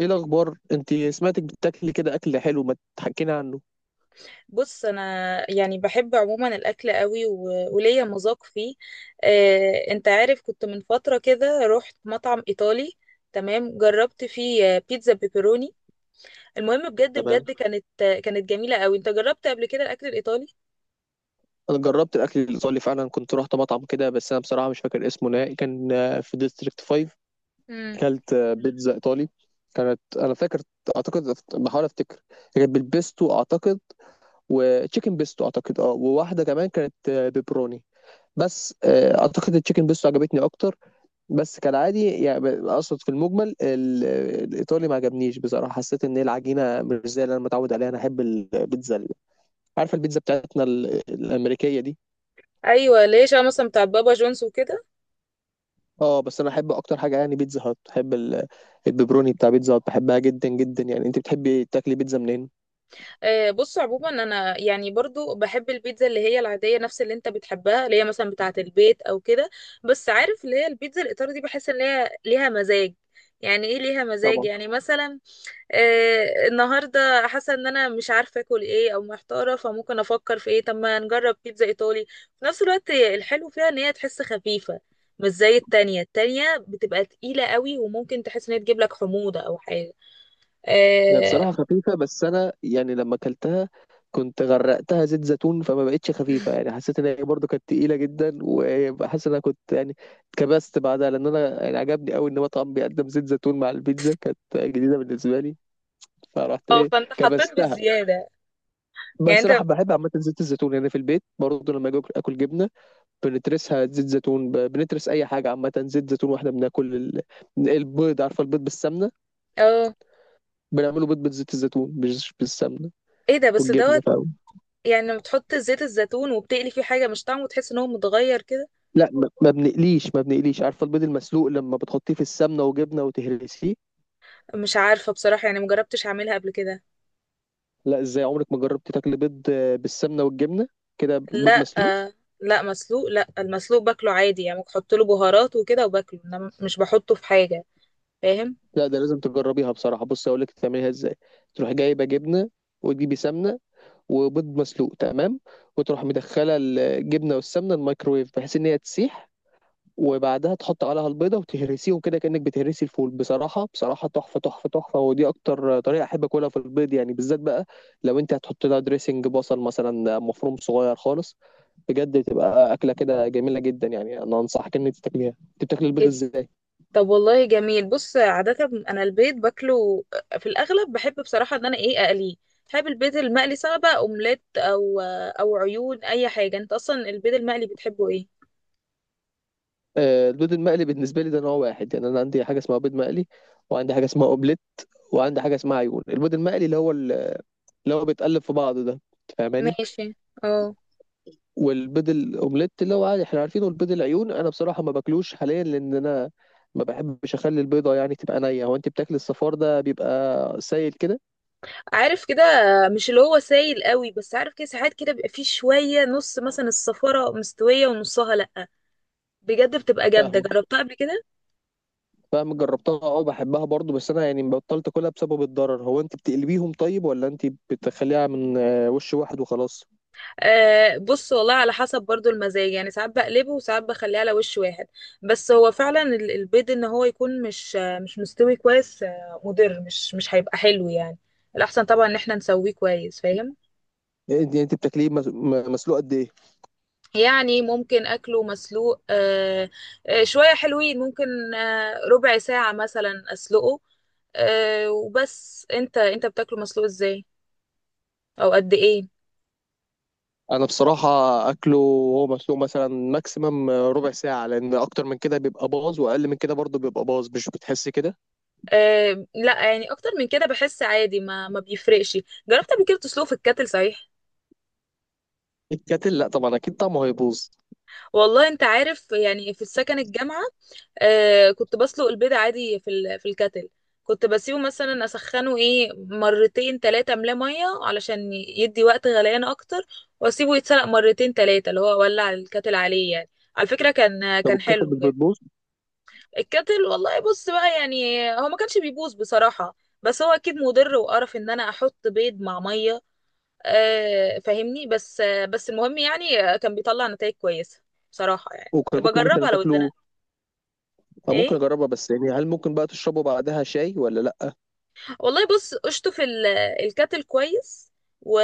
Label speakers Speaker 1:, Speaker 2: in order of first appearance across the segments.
Speaker 1: ايه الاخبار؟ انت سمعتك بتاكلي كده اكل حلو، ما تحكينا عنه؟
Speaker 2: بص انا يعني بحب عموما الاكل قوي وليا مذاق فيه. انت عارف، كنت من فتره كده رحت مطعم ايطالي. تمام، جربت فيه بيتزا بيبروني. المهم بجد
Speaker 1: تمام.
Speaker 2: بجد كانت كانت جميله قوي. انت جربت قبل كده الاكل الايطالي؟
Speaker 1: انا جربت الاكل الايطالي فعلا. كنت رحت مطعم كده، بس انا بصراحه مش فاكر اسمه نهائي. كان في ديستريكت 5.
Speaker 2: امم.
Speaker 1: كلت بيتزا ايطالي. كانت انا فاكر. اعتقد بحاول افتكر. كانت بالبيستو اعتقد. وتشيكن بيستو اعتقد، وواحده كمان كانت بيبروني. بس اعتقد التشيكن بيستو عجبتني اكتر. بس كالعادي يعني اقصد في المجمل الايطالي ما عجبنيش بصراحه. حسيت ان هي العجينه مش زي اللي انا متعود عليها. انا احب البيتزا عارفه البيتزا بتاعتنا الامريكيه دي.
Speaker 2: ايوه، ليش؟ انا مثلا بتاع بابا جونز وكده.
Speaker 1: اه بس انا احب اكتر حاجه يعني بيتزا هات. بحب البيبروني بتاع بيتزا هات، بحبها جدا جدا. يعني انت بتحبي تاكلي بيتزا منين؟
Speaker 2: بص، عموما انا يعني برضو بحب البيتزا اللي هي العاديه، نفس اللي انت بتحبها، اللي هي مثلا بتاعه البيت او كده. بس عارف اللي هي البيتزا الايطالي دي بحس ان هي ليها مزاج. يعني ايه ليها مزاج؟
Speaker 1: طبعا.
Speaker 2: يعني مثلا النهارده حاسه ان انا مش عارفه اكل ايه او محتاره، فممكن افكر في ايه؟ طب ما نجرب بيتزا ايطالي. في نفس الوقت الحلو فيها ان هي تحس خفيفه، مش زي التانية. التانية بتبقى تقيلة قوي، وممكن تحس ان هي تجيب لك حموضة او حاجة.
Speaker 1: هي
Speaker 2: اه.
Speaker 1: بصراحة خفيفة، بس أنا يعني لما أكلتها كنت غرقتها زيت زيتون، فما بقتش خفيفة. يعني حسيت إن هي برضه كانت تقيلة جدا، وحاسس إن أنا كنت يعني اتكبست بعدها، لأن أنا يعني عجبني أوي إن مطعم بيقدم زيت زيتون مع البيتزا، كانت جديدة بالنسبة لي. فرحت إيه.
Speaker 2: فانت حطيت
Speaker 1: كبستها.
Speaker 2: بالزيادة.
Speaker 1: بس
Speaker 2: يعني
Speaker 1: صراحة
Speaker 2: انت،
Speaker 1: بحب عامة زيت الزيتون. يعني في البيت برضه لما أجي آكل جبنة بنترسها زيت زيتون. بنترس أي حاجة عامة زيت زيتون. وإحنا بناكل البيض، عارفة البيض بالسمنة؟
Speaker 2: اه.
Speaker 1: بنعمله بيض بزيت الزيتون مش بالسمنة
Speaker 2: ايه ده؟ بس دوت.
Speaker 1: والجبنة.
Speaker 2: يعني لما بتحط زيت الزيتون وبتقلي فيه حاجه مش طعمه تحس ان هو متغير كده؟
Speaker 1: لا، ما بنقليش. عارفه البيض المسلوق لما بتحطيه في السمنه وجبنه وتهرسيه.
Speaker 2: مش عارفه بصراحه، يعني مجربتش اعملها قبل كده.
Speaker 1: لا، ازاي عمرك ما جربتي تاكلي بيض بالسمنه والجبنه، كده بيض
Speaker 2: لا،
Speaker 1: مسلوق؟
Speaker 2: آه. لا مسلوق، لا، المسلوق باكله عادي، يعني بحط له بهارات وكده وباكله، انا مش بحطه في حاجه. فاهم.
Speaker 1: لا، ده لازم تجربيها بصراحه. بصي اقول لك تعمليها ازاي. تروحي جايبه جبنه، وتجيبي سمنه، وبيض مسلوق، تمام؟ وتروح مدخله الجبنه والسمنه الميكرويف، بحيث ان هي تسيح، وبعدها تحط عليها البيضه وتهرسيهم كده كانك بتهرسي الفول. بصراحه بصراحه تحفه تحفه تحفه، ودي اكتر طريقه احب اكلها في البيض يعني بالذات بقى. لو انت هتحط لها دريسنج بصل مثلا مفروم صغير خالص، بجد تبقى اكله كده جميله جدا. يعني انا انصحك ان انت تاكليها. انت بتاكل البيض
Speaker 2: إيه ده؟
Speaker 1: ازاي؟
Speaker 2: طب والله جميل. بص، عاده انا البيض باكله في الاغلب، بحب بصراحه ان انا اقليه. بحب البيض المقلي سواء بقى اومليت او عيون، اي حاجه. انت اصلا البيض المقلي بتحبه ايه؟
Speaker 1: البيض المقلي بالنسبه لي ده نوع واحد. يعني انا عندي حاجه اسمها بيض مقلي، وعندي حاجه اسمها اوبليت، وعندي حاجه اسمها عيون. البيض المقلي اللي هو بيتقلب في بعضه ده، فاهماني؟
Speaker 2: ماشي. اه.
Speaker 1: والبيض الاومليت اللي هو عادي احنا عارفينه. البيض العيون انا بصراحه ما باكلوش حاليا، لان انا ما بحبش اخلي البيضه يعني تبقى نيه. هو انت بتاكل الصفار ده بيبقى سايل كده؟
Speaker 2: عارف كده، مش اللي هو سايل قوي، بس عارف كده ساعات كده بيبقى فيه شوية، نص مثلا الصفارة مستوية ونصها لأ. بجد بتبقى جامدة،
Speaker 1: فاهمك.
Speaker 2: جربتها قبل كده.
Speaker 1: فاهم جربتها، اه، بحبها برضو، بس انا يعني بطلت اكلها بسبب الضرر. هو انت بتقلبيهم طيب، ولا انت بتخليها من وش واحد وخلاص؟
Speaker 2: آه، بص والله على حسب برضو المزاج، يعني ساعات بقلبه وساعات بخليه على وش واحد. بس هو فعلا البيض ان هو يكون مش مستوي كويس مضر، مش هيبقى حلو يعني. الأحسن طبعا ان احنا نسويه كويس. فاهم؟
Speaker 1: انت بتاكليه مسلوق قد ايه؟
Speaker 2: يعني ممكن اكله مسلوق. شوية حلوين، ممكن ربع ساعة مثلا اسلقه وبس. انت بتاكله مسلوق ازاي، او قد ايه؟
Speaker 1: انا بصراحه اكله وهو مسلوق مثلا ماكسيمم ربع ساعه، لان اكتر من كده بيبقى باظ واقل من كده برضو بيبقى باظ، مش بتحس كده؟
Speaker 2: لا، يعني اكتر من كده بحس عادي، ما بيفرقش. جربت قبل كده تسلقه في الكاتل صحيح؟
Speaker 1: الكاتل؟ لا طبعا، اكيد طعمه هيبوظ.
Speaker 2: والله انت عارف، يعني في السكن الجامعة آه، كنت بسلق البيض عادي في في الكتل. كنت بسيبه مثلا اسخنه ايه مرتين تلاتة، املاه ميه علشان يدي وقت غليان اكتر، واسيبه يتسلق مرتين تلاتة، اللي هو اولع الكتل عليه يعني. على فكرة كان
Speaker 1: طب
Speaker 2: كان
Speaker 1: الكاتل
Speaker 2: حلو
Speaker 1: مش
Speaker 2: بجد.
Speaker 1: بتبوظ؟
Speaker 2: الكتل والله، بص بقى، يعني هو ما كانش بيبوظ بصراحة، بس هو اكيد مضر وقرف ان انا احط بيض مع ميه. آه، فاهمني؟ بس المهم، يعني كان بيطلع نتائج كويسة بصراحة، يعني
Speaker 1: وكان
Speaker 2: يبقى
Speaker 1: ممكن مثلا
Speaker 2: جربها لو
Speaker 1: تاكله،
Speaker 2: اتزنقت.
Speaker 1: أو ممكن
Speaker 2: ايه
Speaker 1: اجربها. بس يعني هل ممكن بقى تشربه بعدها شاي ولا لا؟
Speaker 2: والله، بص، اشطف الكاتل كويس و...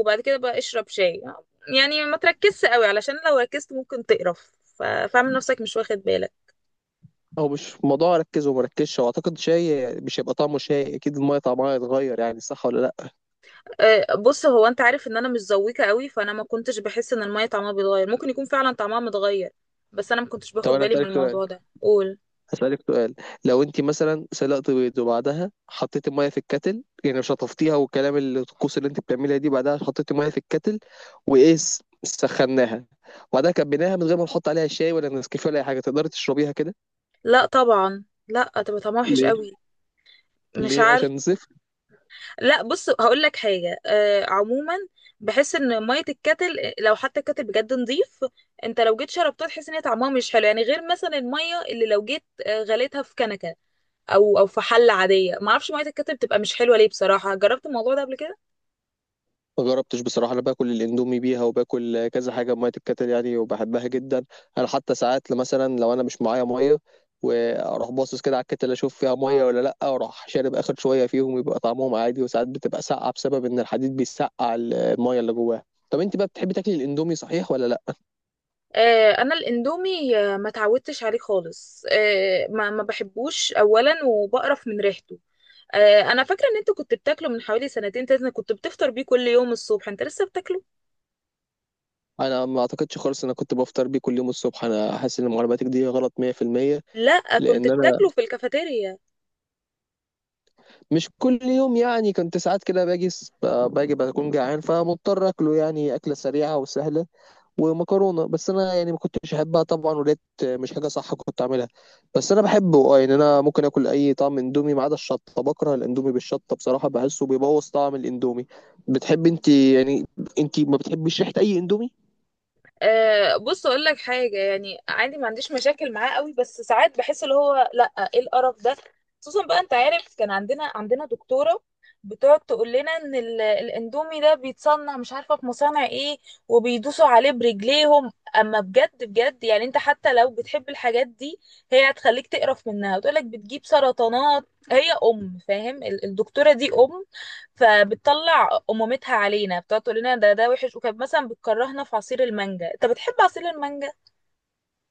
Speaker 2: وبعد كده بقى اشرب شاي، يعني ما تركزش قوي علشان لو ركزت ممكن تقرف، فاعمل نفسك مش واخد بالك.
Speaker 1: هو مش موضوع اركز ومركزش. واعتقد شاي مش هيبقى طعمه شاي، اكيد الميه طعمها هيتغير، يعني صح ولا لا؟
Speaker 2: أه، بص، هو انت عارف ان انا مش ذويقه قوي، فانا ما كنتش بحس ان الميه طعمها بيتغير. ممكن يكون فعلا طعمها متغير بس انا ما كنتش
Speaker 1: طب
Speaker 2: باخد
Speaker 1: انا
Speaker 2: بالي من
Speaker 1: هسالك سؤال.
Speaker 2: الموضوع ده. قول.
Speaker 1: هسالك سؤال لو انت مثلا سلقت بيض وبعدها حطيت الميه في الكاتل يعني شطفتيها والكلام الطقوس اللي انت بتعملها دي، بعدها حطيت الميه في الكاتل وايه سخناها، وبعدها كبيناها من غير ما نحط عليها شاي ولا نسكافيه ولا اي حاجه، تقدري تشربيها كده؟
Speaker 2: لا طبعا لا، تبقى طعمها وحش
Speaker 1: ليه؟
Speaker 2: قوي. مش
Speaker 1: ليه،
Speaker 2: عارفه.
Speaker 1: عشان زفت؟
Speaker 2: لا، بص هقول لك حاجه، آه، عموما بحس ان ميه الكتل، لو حتى الكتل بجد نظيف، انت لو جيت شربتها تحس ان هي طعمها مش حلو، يعني غير مثلا الميه اللي لو جيت غليتها في كنكه او في حله عاديه. ما اعرفش ميه الكتل بتبقى مش حلوه ليه بصراحه. جربت الموضوع ده قبل كده؟
Speaker 1: ما جربتش بصراحه. انا باكل الاندومي بيها وباكل كذا حاجه بميه الكتل يعني وبحبها جدا. انا حتى ساعات مثلا لو انا مش معايا ميه واروح باصص كده على الكتل، اشوف فيها ميه ولا لا، واروح شارب اخر شويه فيهم يبقى طعمهم عادي. وساعات بتبقى ساقعه بسبب ان الحديد بيسقع الميه اللي جواها. طب انت بقى بتحبي تاكلي الاندومي صحيح ولا لا؟
Speaker 2: آه، انا الاندومي ما اتعودتش عليه خالص. ما بحبوش اولا، وبقرف من ريحته. آه، انا فاكره ان انت كنت بتاكله من حوالي سنتين تلاته، كنت بتفطر بيه كل يوم الصبح. انت لسه بتاكله؟
Speaker 1: انا ما اعتقدش خالص ان انا كنت بفطر بيه كل يوم الصبح، انا حاسس ان معلوماتك دي غلط 100%.
Speaker 2: لا، كنت
Speaker 1: لان انا
Speaker 2: بتاكله في الكافيتيريا.
Speaker 1: مش كل يوم، يعني كنت ساعات كده باجي باجي بكون جعان فمضطر اكله، يعني اكله سريعه وسهله، ومكرونه. بس انا يعني ما كنتش احبها طبعا، ولقيت مش حاجه صح كنت اعملها. بس انا بحبه اه. يعني انا ممكن اكل اي طعم اندومي ما عدا الشطه، بكره الاندومي بالشطه بصراحه، بحسه بيبوظ طعم الاندومي. بتحب انت يعني، انت ما بتحبيش ريحه اي اندومي؟
Speaker 2: أه، بص اقول لك حاجه، يعني عادي ما عنديش مشاكل معاه قوي، بس ساعات بحس اللي هو لا، ايه القرف ده. خصوصا بقى انت عارف، كان عندنا دكتوره بتقعد تقول لنا ان الاندومي ده بيتصنع مش عارفه في مصانع ايه، وبيدوسوا عليه برجليهم. اما بجد بجد يعني، انت حتى لو بتحب الحاجات دي، هي هتخليك تقرف منها وتقول لك بتجيب سرطانات. هي فاهم، الدكتوره دي فبتطلع أمومتها علينا، بتقعد تقول لنا ده وحش، وكانت مثلا بتكرهنا في عصير المانجا. انت بتحب عصير المانجا؟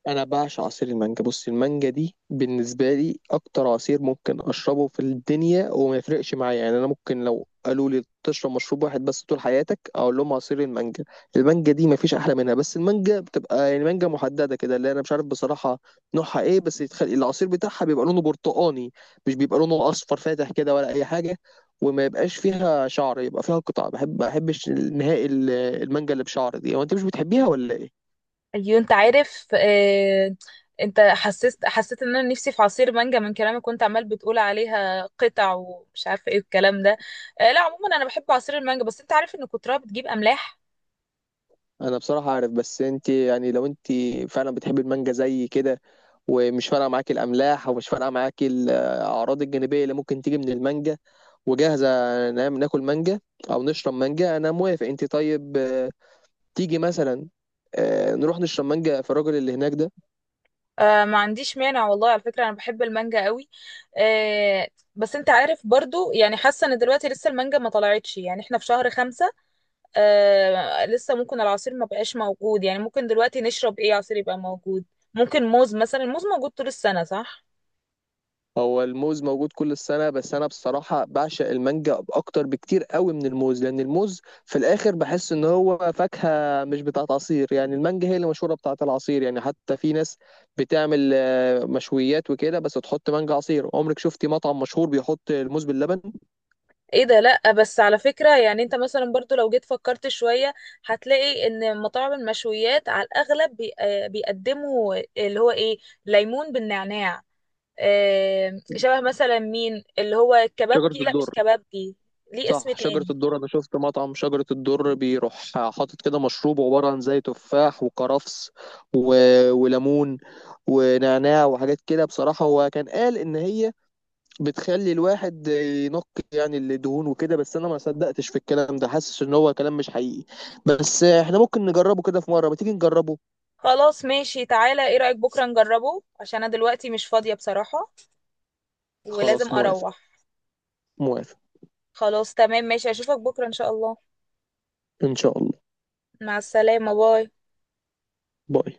Speaker 1: انا بعشق عصير المانجا. بص المانجا دي بالنسبه لي اكتر عصير ممكن اشربه في الدنيا، وما يفرقش معايا. يعني انا ممكن لو قالوا لي تشرب مشروب واحد بس طول حياتك، اقول لهم عصير المانجا. المانجا دي ما فيش احلى منها. بس المانجا بتبقى يعني مانجا محدده كده، اللي انا مش عارف بصراحه نوعها ايه، بس العصير بتاعها بيبقى لونه برتقاني، مش بيبقى لونه اصفر فاتح كده ولا اي حاجه، وما يبقاش فيها شعر، يبقى فيها قطع. بحب ما بحبش نهائي المانجا اللي بشعر دي. هو انت مش بتحبيها ولا ايه؟
Speaker 2: ايوه، انت عارف، اه. انت حسيت ان انا نفسي في عصير مانجا من كلامك، كنت عمال بتقول عليها قطع ومش عارفه ايه الكلام ده. اه، لا عموما انا بحب عصير المانجا، بس انت عارف ان كترها بتجيب املاح.
Speaker 1: انا بصراحه عارف، بس انت يعني لو انت فعلا بتحبي المانجا زي كده، ومش فارقه معاكي الاملاح، ومش فارقه معاكي الاعراض الجانبيه اللي ممكن تيجي من المانجا، وجاهزه، نعم ناكل مانجا او نشرب مانجا، انا موافق. انت طيب تيجي مثلا نروح نشرب مانجا في الراجل اللي هناك ده؟
Speaker 2: آه، ما عنديش مانع والله. على فكرة أنا بحب المانجا قوي، آه. بس أنت عارف برضو، يعني حاسة إن دلوقتي لسه المانجا ما طلعتش، يعني إحنا في شهر 5. آه، لسه ممكن العصير ما بقاش موجود. يعني ممكن دلوقتي نشرب ايه عصير يبقى موجود؟ ممكن موز مثلا، الموز موجود طول السنة، صح؟
Speaker 1: هو الموز موجود كل السنة، بس أنا بصراحة بعشق المانجا أكتر بكتير قوي من الموز، لأن الموز في الآخر بحس إن هو فاكهة مش بتاعت عصير. يعني المانجا هي اللي مشهورة بتاعت العصير. يعني حتى في ناس بتعمل مشويات وكده بس تحط مانجا عصير. عمرك شفتي مطعم مشهور بيحط الموز باللبن؟
Speaker 2: ايه ده؟ لا، بس على فكرة يعني انت مثلا برضو لو جيت فكرت شوية هتلاقي ان مطاعم المشويات على الاغلب بيقدموا اللي هو ايه. ليمون بالنعناع، شبه مثلا مين اللي هو
Speaker 1: شجرة
Speaker 2: الكبابجي. لا مش
Speaker 1: الدر.
Speaker 2: كبابجي، ليه اسم
Speaker 1: صح شجرة
Speaker 2: تاني.
Speaker 1: الدر. أنا شفت مطعم شجرة الدر بيروح حاطط كده مشروب عبارة عن زي تفاح وكرفس و... وليمون ونعناع وحاجات كده. بصراحة هو كان قال إن هي بتخلي الواحد ينق، يعني الدهون وكده، بس انا ما صدقتش في الكلام ده، حاسس ان هو كلام مش حقيقي. بس احنا ممكن نجربه كده في مرة، ما تيجي نجربه.
Speaker 2: خلاص ماشي، تعالى، ايه رأيك بكرة نجربه، عشان انا دلوقتي مش فاضية بصراحة ولازم
Speaker 1: خلاص موافق.
Speaker 2: اروح.
Speaker 1: موافق.
Speaker 2: خلاص تمام ماشي، اشوفك بكرة ان شاء الله.
Speaker 1: ان شاء الله.
Speaker 2: مع السلامة، باي.
Speaker 1: باي.